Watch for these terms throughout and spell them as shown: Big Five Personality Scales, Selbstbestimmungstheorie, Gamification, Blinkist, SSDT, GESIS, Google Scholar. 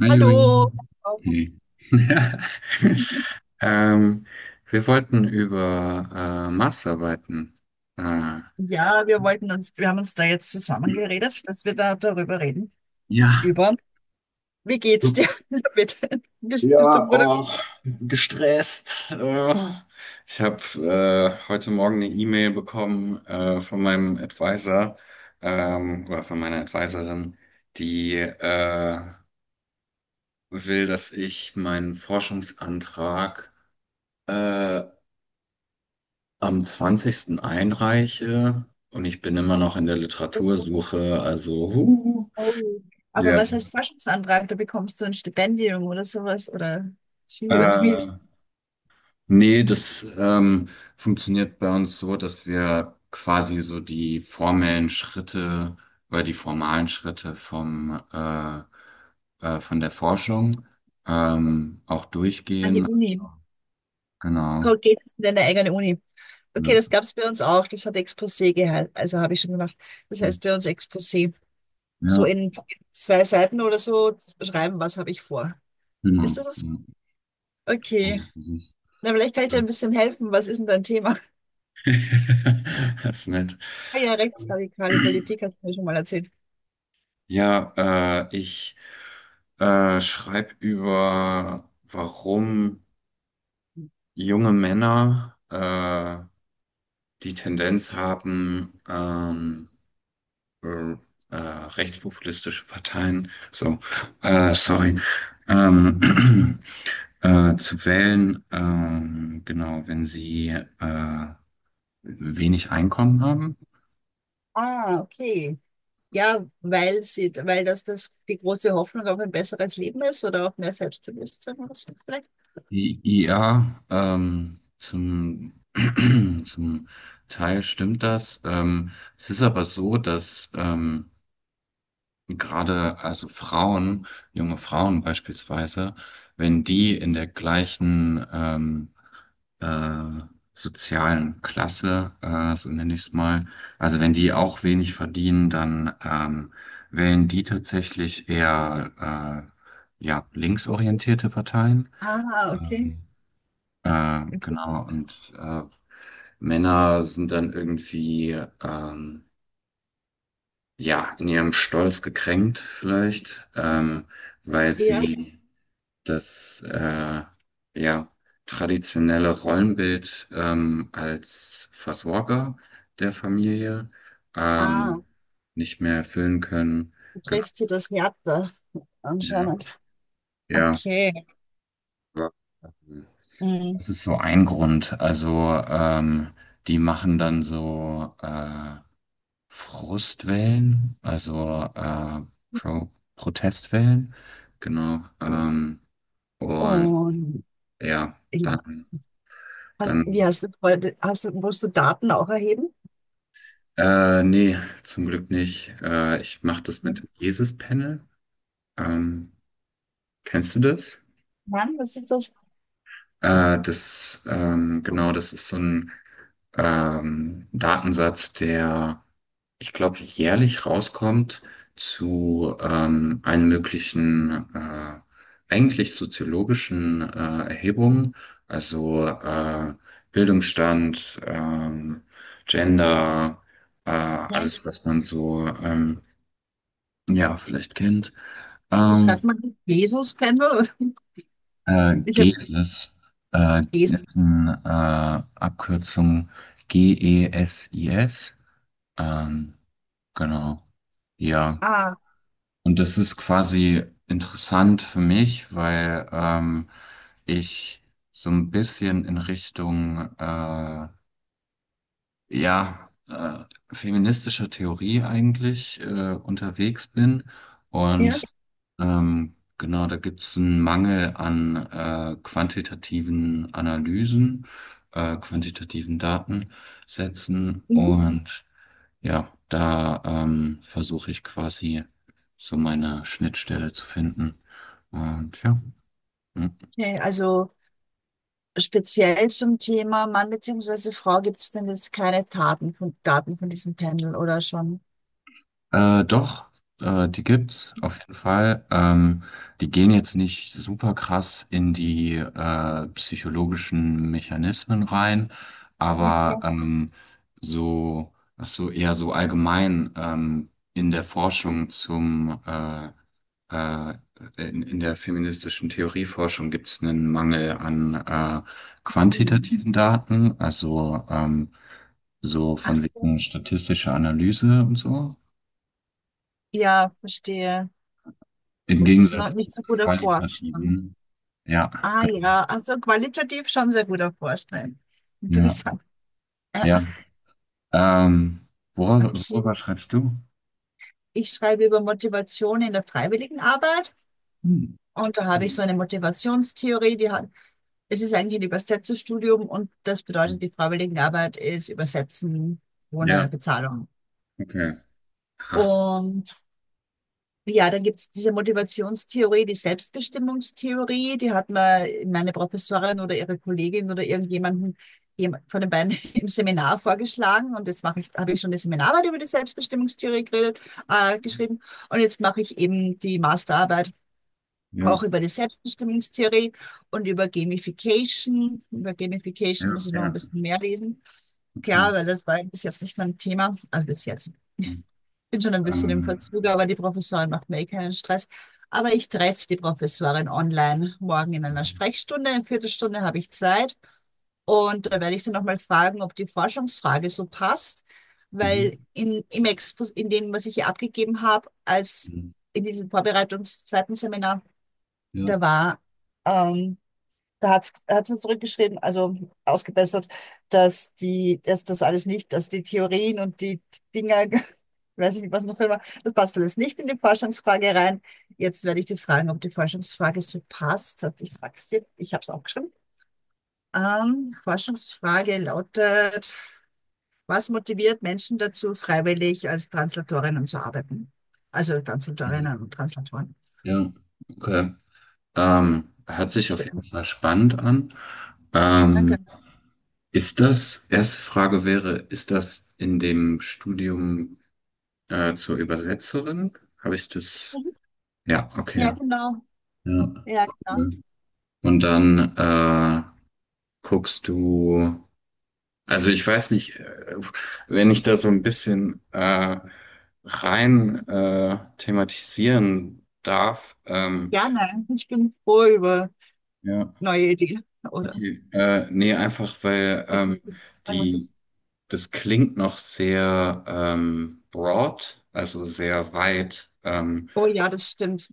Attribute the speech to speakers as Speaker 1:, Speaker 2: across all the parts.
Speaker 1: Hi, Juri.
Speaker 2: Hallo.
Speaker 1: Nee. Ähm, Wir wollten über Maßarbeiten. Äh,
Speaker 2: Ja, wir haben uns da jetzt zusammengeredet, dass wir da darüber reden.
Speaker 1: ja,
Speaker 2: Über, Wie geht's
Speaker 1: so.
Speaker 2: dir damit? Bist du
Speaker 1: Ja,
Speaker 2: Bruder?
Speaker 1: oh, gestresst. Ich habe heute Morgen eine E-Mail bekommen von meinem Advisor oder von meiner Advisorin, die will, dass ich meinen Forschungsantrag äh, am 20. einreiche, und ich bin immer noch in der Literatursuche, also huh,
Speaker 2: Oh. Aber
Speaker 1: ja.
Speaker 2: was heißt Forschungsantrag? Da bekommst du ein Stipendium oder sowas oder sie oder wie
Speaker 1: Äh,
Speaker 2: ist
Speaker 1: Nee, das funktioniert bei uns so, dass wir quasi so die formellen Schritte oder die formalen Schritte vom von der Forschung auch
Speaker 2: an die
Speaker 1: durchgehen. Also,
Speaker 2: Uni.
Speaker 1: genau.
Speaker 2: Cold geht es in deine eigene Uni. Okay,
Speaker 1: Ja,
Speaker 2: das gab's bei uns auch. Das hat Exposé gehalten. Also habe ich schon gemacht. Das heißt bei uns Exposé. So
Speaker 1: ja,
Speaker 2: in zwei Seiten oder so schreiben, was habe ich vor. Ist
Speaker 1: genau.
Speaker 2: das es?
Speaker 1: Ja,
Speaker 2: Okay.
Speaker 1: so ist es.
Speaker 2: Na, vielleicht kann ich dir ein bisschen helfen. Was ist denn dein Thema?
Speaker 1: Das ist nett.
Speaker 2: Ah ja, rechtsradikale Politik hast du mir schon mal erzählt.
Speaker 1: Ja, ich schreibe über, warum junge Männer die Tendenz haben, äh, rechtspopulistische Parteien, so, sorry, ähm, zu wählen, genau, wenn sie wenig Einkommen haben.
Speaker 2: Ah, okay. Ja, weil sie, weil das, das die große Hoffnung auf ein besseres Leben ist oder auf mehr Selbstbewusstsein oder so vielleicht.
Speaker 1: Ja, zum Teil stimmt das. Es ist aber so, dass gerade also Frauen, junge Frauen beispielsweise, wenn die in der gleichen äh, sozialen Klasse, so nenne ich es mal, also wenn die auch wenig verdienen, dann wählen die tatsächlich eher ja, linksorientierte Parteien.
Speaker 2: Ah, okay.
Speaker 1: Ähm,
Speaker 2: Inter-
Speaker 1: genau, und Männer sind dann irgendwie ähm, ja in ihrem Stolz gekränkt, vielleicht, weil
Speaker 2: Ja,
Speaker 1: sie das ja traditionelle Rollenbild als Versorger der Familie
Speaker 2: ah,
Speaker 1: ähm, nicht mehr erfüllen können. Genau,
Speaker 2: trifft sie das härter
Speaker 1: ja,
Speaker 2: anscheinend.
Speaker 1: ja.
Speaker 2: Okay.
Speaker 1: Aber, ähm,
Speaker 2: Mhm.
Speaker 1: das ist so ein Grund. Also die machen dann so Frustwellen, also Pro Protestwellen, genau. Und
Speaker 2: Und
Speaker 1: ja,
Speaker 2: ja,
Speaker 1: dann,
Speaker 2: hast, wie
Speaker 1: dann
Speaker 2: hast du, vorher- hast du, musst du Daten auch erheben?
Speaker 1: nee, zum Glück nicht. Ich mache das mit
Speaker 2: Nein,
Speaker 1: dem Jesus-Panel. Ähm, Kennst du das?
Speaker 2: Mann, was ist das?
Speaker 1: Genau, das ist so ein Datensatz, der, ich glaube, jährlich rauskommt zu allen möglichen, eigentlich soziologischen Erhebungen, also Bildungsstand, Gender,
Speaker 2: Nein.
Speaker 1: alles, was man so ja vielleicht kennt.
Speaker 2: Wie
Speaker 1: Ähm,
Speaker 2: schreibt man das? Jesus-Pendel? Ich habe
Speaker 1: GESIS, ist
Speaker 2: Jesus.
Speaker 1: eine Abkürzung G-E-S-I-S, ähm, genau. Ja.
Speaker 2: Ah,
Speaker 1: Und das ist quasi interessant für mich, weil ich so ein bisschen in Richtung ja feministischer Theorie eigentlich unterwegs bin.
Speaker 2: ja.
Speaker 1: Und genau, da gibt es einen Mangel an quantitativen Analysen, quantitativen Datensätzen.
Speaker 2: Mhm.
Speaker 1: Und ja, da versuche ich quasi so meine Schnittstelle zu finden. Und ja. Hm.
Speaker 2: Okay, also speziell zum Thema Mann bzw. Frau gibt es denn jetzt keine Daten von, Daten von diesem Pendel oder schon?
Speaker 1: Doch, die gibt's auf jeden Fall. Die gehen jetzt nicht super krass in die psychologischen Mechanismen rein, aber
Speaker 2: Ja.
Speaker 1: so, ach so, eher so allgemein in der Forschung zum äh, in der feministischen Theorieforschung gibt's einen Mangel an
Speaker 2: Hm.
Speaker 1: quantitativen Daten, also so
Speaker 2: Ach
Speaker 1: von
Speaker 2: so.
Speaker 1: wegen statistischer Analyse und so.
Speaker 2: Ja, verstehe.
Speaker 1: Im
Speaker 2: Das ist noch
Speaker 1: Gegensatz zu
Speaker 2: nicht so gut erforscht, ne?
Speaker 1: qualitativen. Ja,
Speaker 2: Ah
Speaker 1: genau.
Speaker 2: ja, also qualitativ schon sehr gut erforscht, ne?
Speaker 1: Ja,
Speaker 2: Interessant. Äh,
Speaker 1: ja. Ähm, worüber,
Speaker 2: okay.
Speaker 1: worüber schreibst du?
Speaker 2: Ich schreibe über Motivation in der Freiwilligenarbeit
Speaker 1: Hm.
Speaker 2: und da habe ich so eine Motivationstheorie, es ist eigentlich ein Übersetzerstudium und das bedeutet, die Freiwilligenarbeit ist Übersetzen
Speaker 1: Ja,
Speaker 2: ohne Bezahlung.
Speaker 1: okay. Ha.
Speaker 2: Und ja, dann gibt's diese Motivationstheorie, die Selbstbestimmungstheorie, die hat mir meine Professorin oder ihre Kollegin oder irgendjemanden von den beiden im Seminar vorgeschlagen und jetzt habe ich schon eine Seminararbeit über die Selbstbestimmungstheorie geredet, geschrieben und jetzt mache ich eben die Masterarbeit
Speaker 1: Ja,
Speaker 2: auch über die Selbstbestimmungstheorie und über Gamification. Über Gamification
Speaker 1: ja,
Speaker 2: muss ich noch ein
Speaker 1: ja,
Speaker 2: bisschen mehr lesen.
Speaker 1: okay.
Speaker 2: Klar, weil das war bis jetzt nicht mein Thema, also bis jetzt bin schon ein bisschen im
Speaker 1: Ähm,
Speaker 2: Verzug, aber die Professorin macht mir eh keinen Stress. Aber ich treffe die Professorin online morgen in einer Sprechstunde. Eine Viertelstunde habe ich Zeit. Und da werde ich sie nochmal fragen, ob die Forschungsfrage so passt, weil
Speaker 1: mhm.
Speaker 2: in, im Expos, in dem, was ich hier abgegeben habe, als in diesem Vorbereitungs zweiten Seminar,
Speaker 1: Ja,
Speaker 2: da war ähm, da hat's mir zurückgeschrieben, also ausgebessert, dass die, dass das alles nicht, dass die Theorien und die Dinger, weiß ich nicht, was noch immer, das passt alles nicht in die Forschungsfrage rein. Jetzt werde ich dich fragen, ob die Forschungsfrage so passt hat. Ich sag's dir, ich habe es auch geschrieben. Forschungsfrage lautet, was motiviert Menschen dazu, freiwillig als Translatorinnen zu arbeiten? Also
Speaker 1: mhm.
Speaker 2: Translatorinnen und Translatoren.
Speaker 1: Ja, okay. Hört sich auf jeden
Speaker 2: Schön.
Speaker 1: Fall spannend an. Ähm,
Speaker 2: Danke.
Speaker 1: Ist das, erste Frage wäre, ist das in dem Studium? Zur Übersetzerin habe ich das.
Speaker 2: Mhm.
Speaker 1: Ja, okay.
Speaker 2: Ja,
Speaker 1: Ja.
Speaker 2: genau.
Speaker 1: Ja,
Speaker 2: Ja, genau.
Speaker 1: cool. Und dann guckst du. Also ich weiß nicht, wenn ich da so ein bisschen rein thematisieren darf.
Speaker 2: Ja, nein, ich bin froh über
Speaker 1: Ja,
Speaker 2: neue Ideen, oder?
Speaker 1: okay. Nee, einfach weil
Speaker 2: Also
Speaker 1: die
Speaker 2: das,
Speaker 1: das klingt noch sehr broad, also sehr weit.
Speaker 2: oh ja, das stimmt.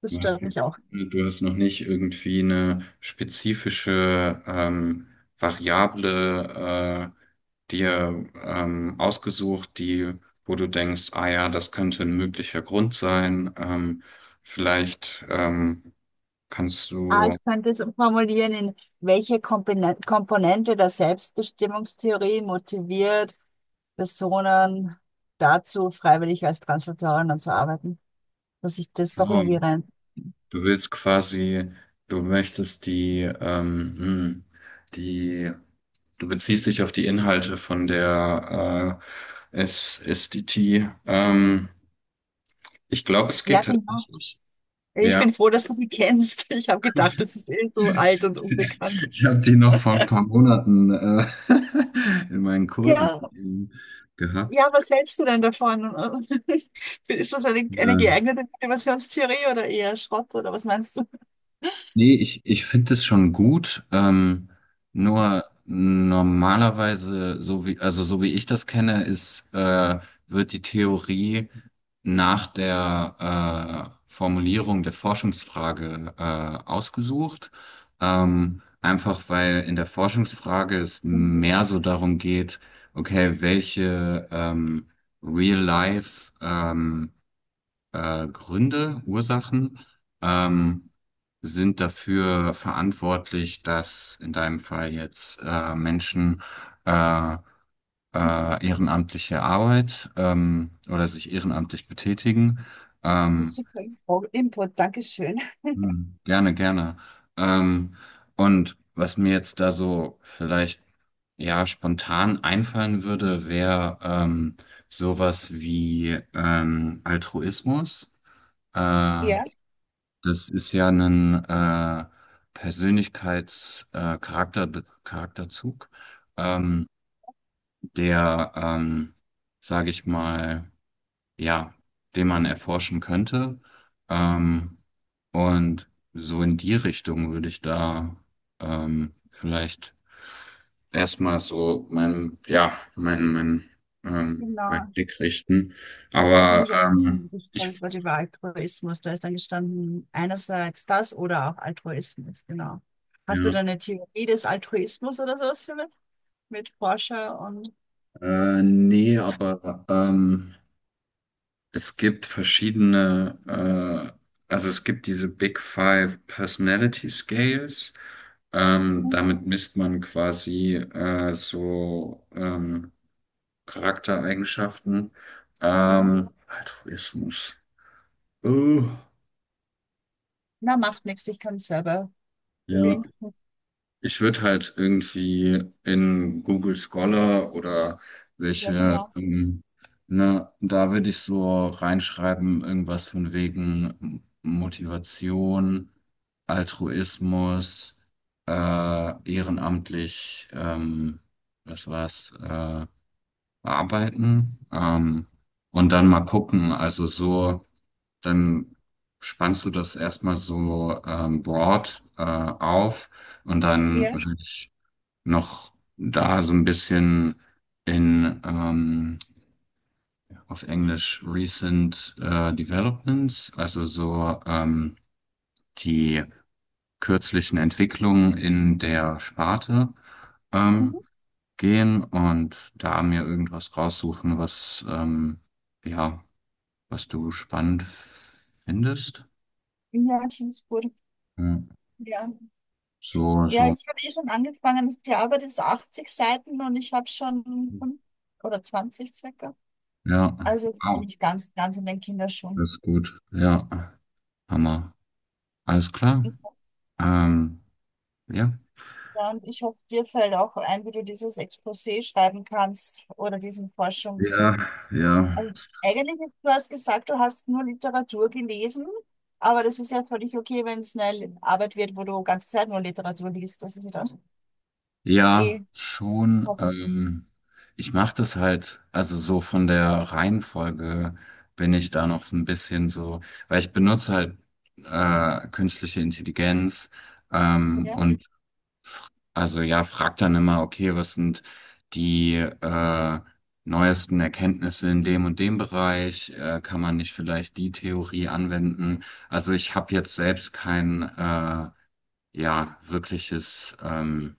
Speaker 2: Das stört mich auch.
Speaker 1: Du hast noch nicht irgendwie eine spezifische Variable dir ausgesucht, die, wo du denkst, ah ja, das könnte ein möglicher Grund sein. Vielleicht kannst
Speaker 2: Ah,
Speaker 1: du,
Speaker 2: ich könnte es formulieren, in welche Komponente der Selbstbestimmungstheorie motiviert Personen dazu, freiwillig als Translatorin zu arbeiten. Dass ich das doch
Speaker 1: so,
Speaker 2: irgendwie rein.
Speaker 1: du willst quasi, du möchtest die, die, du beziehst dich auf die Inhalte von der SSDT. Ich glaube, es
Speaker 2: Ja,
Speaker 1: geht
Speaker 2: genau.
Speaker 1: tatsächlich.
Speaker 2: Ich
Speaker 1: Ja.
Speaker 2: bin froh, dass du die kennst. Ich habe gedacht, das ist eh so alt und unbekannt.
Speaker 1: Ich habe die noch vor ein paar Monaten in meinen Kursen
Speaker 2: Ja, ja,
Speaker 1: gehabt.
Speaker 2: was hältst du denn davon? Ist das eine
Speaker 1: Ja.
Speaker 2: geeignete Motivationstheorie oder eher Schrott oder was meinst du?
Speaker 1: Nee, ich finde es schon gut. Nur normalerweise, so wie, also so wie ich das kenne, ist, wird die Theorie nach der Formulierung der Forschungsfrage ausgesucht. Einfach weil in der Forschungsfrage es
Speaker 2: Mhm,
Speaker 1: mehr so darum geht, okay, welche Real-Life Gründe, Ursachen ähm, sind dafür verantwortlich, dass in deinem Fall jetzt Menschen äh,
Speaker 2: mhm.
Speaker 1: ehrenamtliche Arbeit oder sich ehrenamtlich betätigen. Ähm,
Speaker 2: Super Info- Input, Dankeschön.
Speaker 1: Gerne, gerne. Ähm, und was mir jetzt da so vielleicht ja spontan einfallen würde, wäre sowas wie Altruismus. Äh,
Speaker 2: Ja,
Speaker 1: Das ist ja ein Persönlichkeits-, äh, Charakter, Charakterzug, ähm, der, sage ich mal, ja, den man erforschen könnte. Ähm, und so in die Richtung würde ich da vielleicht erstmal so mein
Speaker 2: genau.
Speaker 1: Blick richten.
Speaker 2: Da bin
Speaker 1: Aber
Speaker 2: ich auch gestolpert
Speaker 1: ich,
Speaker 2: über den Altruismus. Da ist dann gestanden, einerseits das oder auch Altruismus, genau. Hast du
Speaker 1: ja,
Speaker 2: da eine Theorie des Altruismus oder sowas für mich? Mit Forscher und.
Speaker 1: nee, aber es gibt verschiedene, also es gibt diese Big Five Personality Scales.
Speaker 2: Mhm,
Speaker 1: Damit misst man quasi so Charaktereigenschaften.
Speaker 2: ja.
Speaker 1: Altruismus. Uh,
Speaker 2: Na, macht nichts, ich kann es selber
Speaker 1: ja.
Speaker 2: googeln.
Speaker 1: Ich würde halt irgendwie in Google Scholar oder
Speaker 2: Ja,
Speaker 1: welche,
Speaker 2: genau.
Speaker 1: ne, da würde ich so reinschreiben, irgendwas von wegen Motivation, Altruismus, äh, ehrenamtlich, was war's, arbeiten, und dann mal gucken, also so, dann spannst du das erstmal so broad auf. Und dann
Speaker 2: Ja,
Speaker 1: würde ich noch da so ein bisschen in auf Englisch Recent Developments, also so die kürzlichen Entwicklungen in der Sparte ähm,
Speaker 2: mhm.
Speaker 1: gehen und da mir irgendwas raussuchen, was ja, was du spannend findest.
Speaker 2: Ja, Teamsburg.
Speaker 1: Ja.
Speaker 2: Ja.
Speaker 1: So,
Speaker 2: Ja,
Speaker 1: so,
Speaker 2: ich habe eh schon angefangen. Die Arbeit ist 80 Seiten und ich habe schon 5 oder 20 circa.
Speaker 1: ja,
Speaker 2: Also jetzt bin
Speaker 1: wow,
Speaker 2: ich ganz, ganz in den
Speaker 1: das
Speaker 2: Kinderschuhen.
Speaker 1: ist gut, ja, Hammer, alles klar. Ähm, ja.
Speaker 2: Ja, und ich hoffe, dir fällt auch ein, wie du dieses Exposé schreiben kannst oder diesen Forschungs...
Speaker 1: Ja, ja,
Speaker 2: Also eigentlich, du hast gesagt, du hast nur Literatur gelesen, aber das ist ja völlig okay, wenn es eine Arbeit wird, wo du ganze Zeit nur Literatur liest. Das ist ja dann
Speaker 1: ja,
Speaker 2: eh
Speaker 1: schon.
Speaker 2: hoffentlich.
Speaker 1: Ich mache das halt, also so von der Reihenfolge bin ich da noch so ein bisschen so, weil ich benutze halt künstliche Intelligenz
Speaker 2: Ja.
Speaker 1: und also ja, frag dann immer, okay, was sind die neuesten Erkenntnisse in dem und dem Bereich? Kann man nicht vielleicht die Theorie anwenden? Also ich habe jetzt selbst kein Ja, wirkliches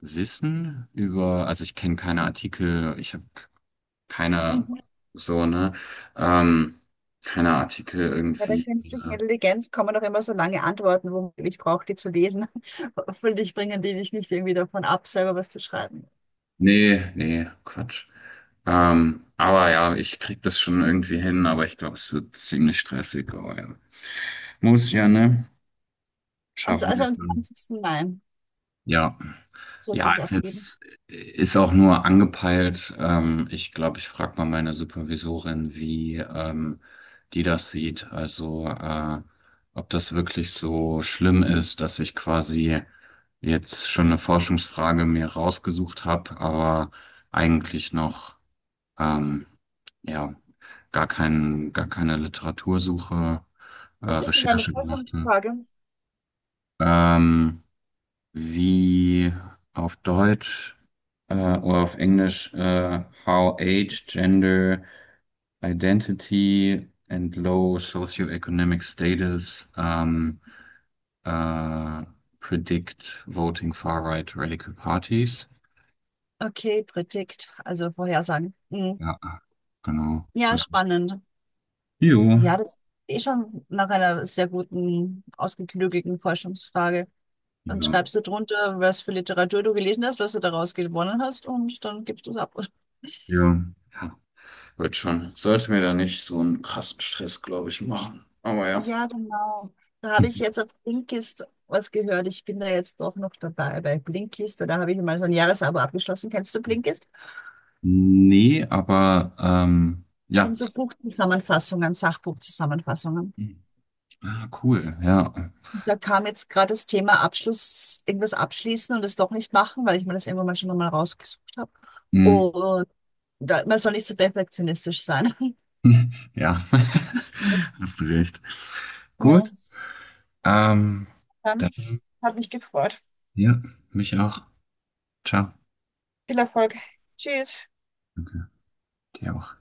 Speaker 1: Wissen über, also ich kenne keine Artikel, ich habe keine,
Speaker 2: Mhm.
Speaker 1: so, ne? Ähm, Keine Artikel
Speaker 2: Bei der
Speaker 1: irgendwie.
Speaker 2: künstlichen
Speaker 1: äh,
Speaker 2: Intelligenz kommen doch immer so lange Antworten, wo ich brauche, die zu lesen. Hoffentlich bringen die dich nicht irgendwie davon ab, selber was zu schreiben.
Speaker 1: Nee, nee, Quatsch. Aber ja, ich krieg das schon irgendwie hin, aber ich glaube, es wird ziemlich stressig. Aber ja. Muss ja, ne?
Speaker 2: Am,
Speaker 1: Schaffen
Speaker 2: also
Speaker 1: wir
Speaker 2: am
Speaker 1: schon.
Speaker 2: 20. Mai
Speaker 1: Ja.
Speaker 2: sollst du
Speaker 1: Ja,
Speaker 2: es abgeben.
Speaker 1: ist auch nur angepeilt. Ich glaube, ich frage mal meine Supervisorin, wie die das sieht. Also, ob das wirklich so schlimm ist, dass ich quasi jetzt schon eine Forschungsfrage mir rausgesucht habe, aber eigentlich noch, ähm, ja, gar keine Literatursuche,
Speaker 2: Was ist denn deine
Speaker 1: Recherche gemacht habe.
Speaker 2: Vorfrage?
Speaker 1: Ähm, Wie auf Deutsch, oder auf Englisch, How Age, Gender, Identity and Low Socioeconomic Status äh, predict voting far-right radical parties.
Speaker 2: Okay, Predikt, also Vorhersagen. Mhm.
Speaker 1: Ja, genau.
Speaker 2: Ja,
Speaker 1: Ja.
Speaker 2: spannend.
Speaker 1: Jo.
Speaker 2: Ja, das ist eh schon nach einer sehr guten, ausgeklügelten Forschungsfrage. Dann
Speaker 1: Ja.
Speaker 2: schreibst du drunter, was für Literatur du gelesen hast, was du daraus gewonnen hast und dann gibst du es ab.
Speaker 1: Ja. Ja, wird schon. Sollte mir da nicht so einen krassen Stress, glaube ich, machen. Aber ja.
Speaker 2: Ja, genau. Da habe ich jetzt auf Blinkist was gehört. Ich bin da jetzt doch noch dabei bei Blinkist. Da habe ich mal so ein Jahresabo abgeschlossen. Kennst du Blinkist? Das
Speaker 1: Nee, aber
Speaker 2: sind
Speaker 1: ja.
Speaker 2: so Buchzusammenfassungen, Sachbuchzusammenfassungen.
Speaker 1: Ah, cool, ja.
Speaker 2: Da kam jetzt gerade das Thema Abschluss, irgendwas abschließen und es doch nicht machen, weil ich mir das irgendwann mal schon mal rausgesucht habe.
Speaker 1: Hm.
Speaker 2: Und da, man soll nicht so perfektionistisch sein.
Speaker 1: Ja, hast du recht. Gut,
Speaker 2: Ja,
Speaker 1: ähm,
Speaker 2: dann
Speaker 1: dann,
Speaker 2: hat mich gefreut.
Speaker 1: ja, mich auch. Ciao.
Speaker 2: Viel Erfolg. Tschüss.
Speaker 1: Danke, dir auch.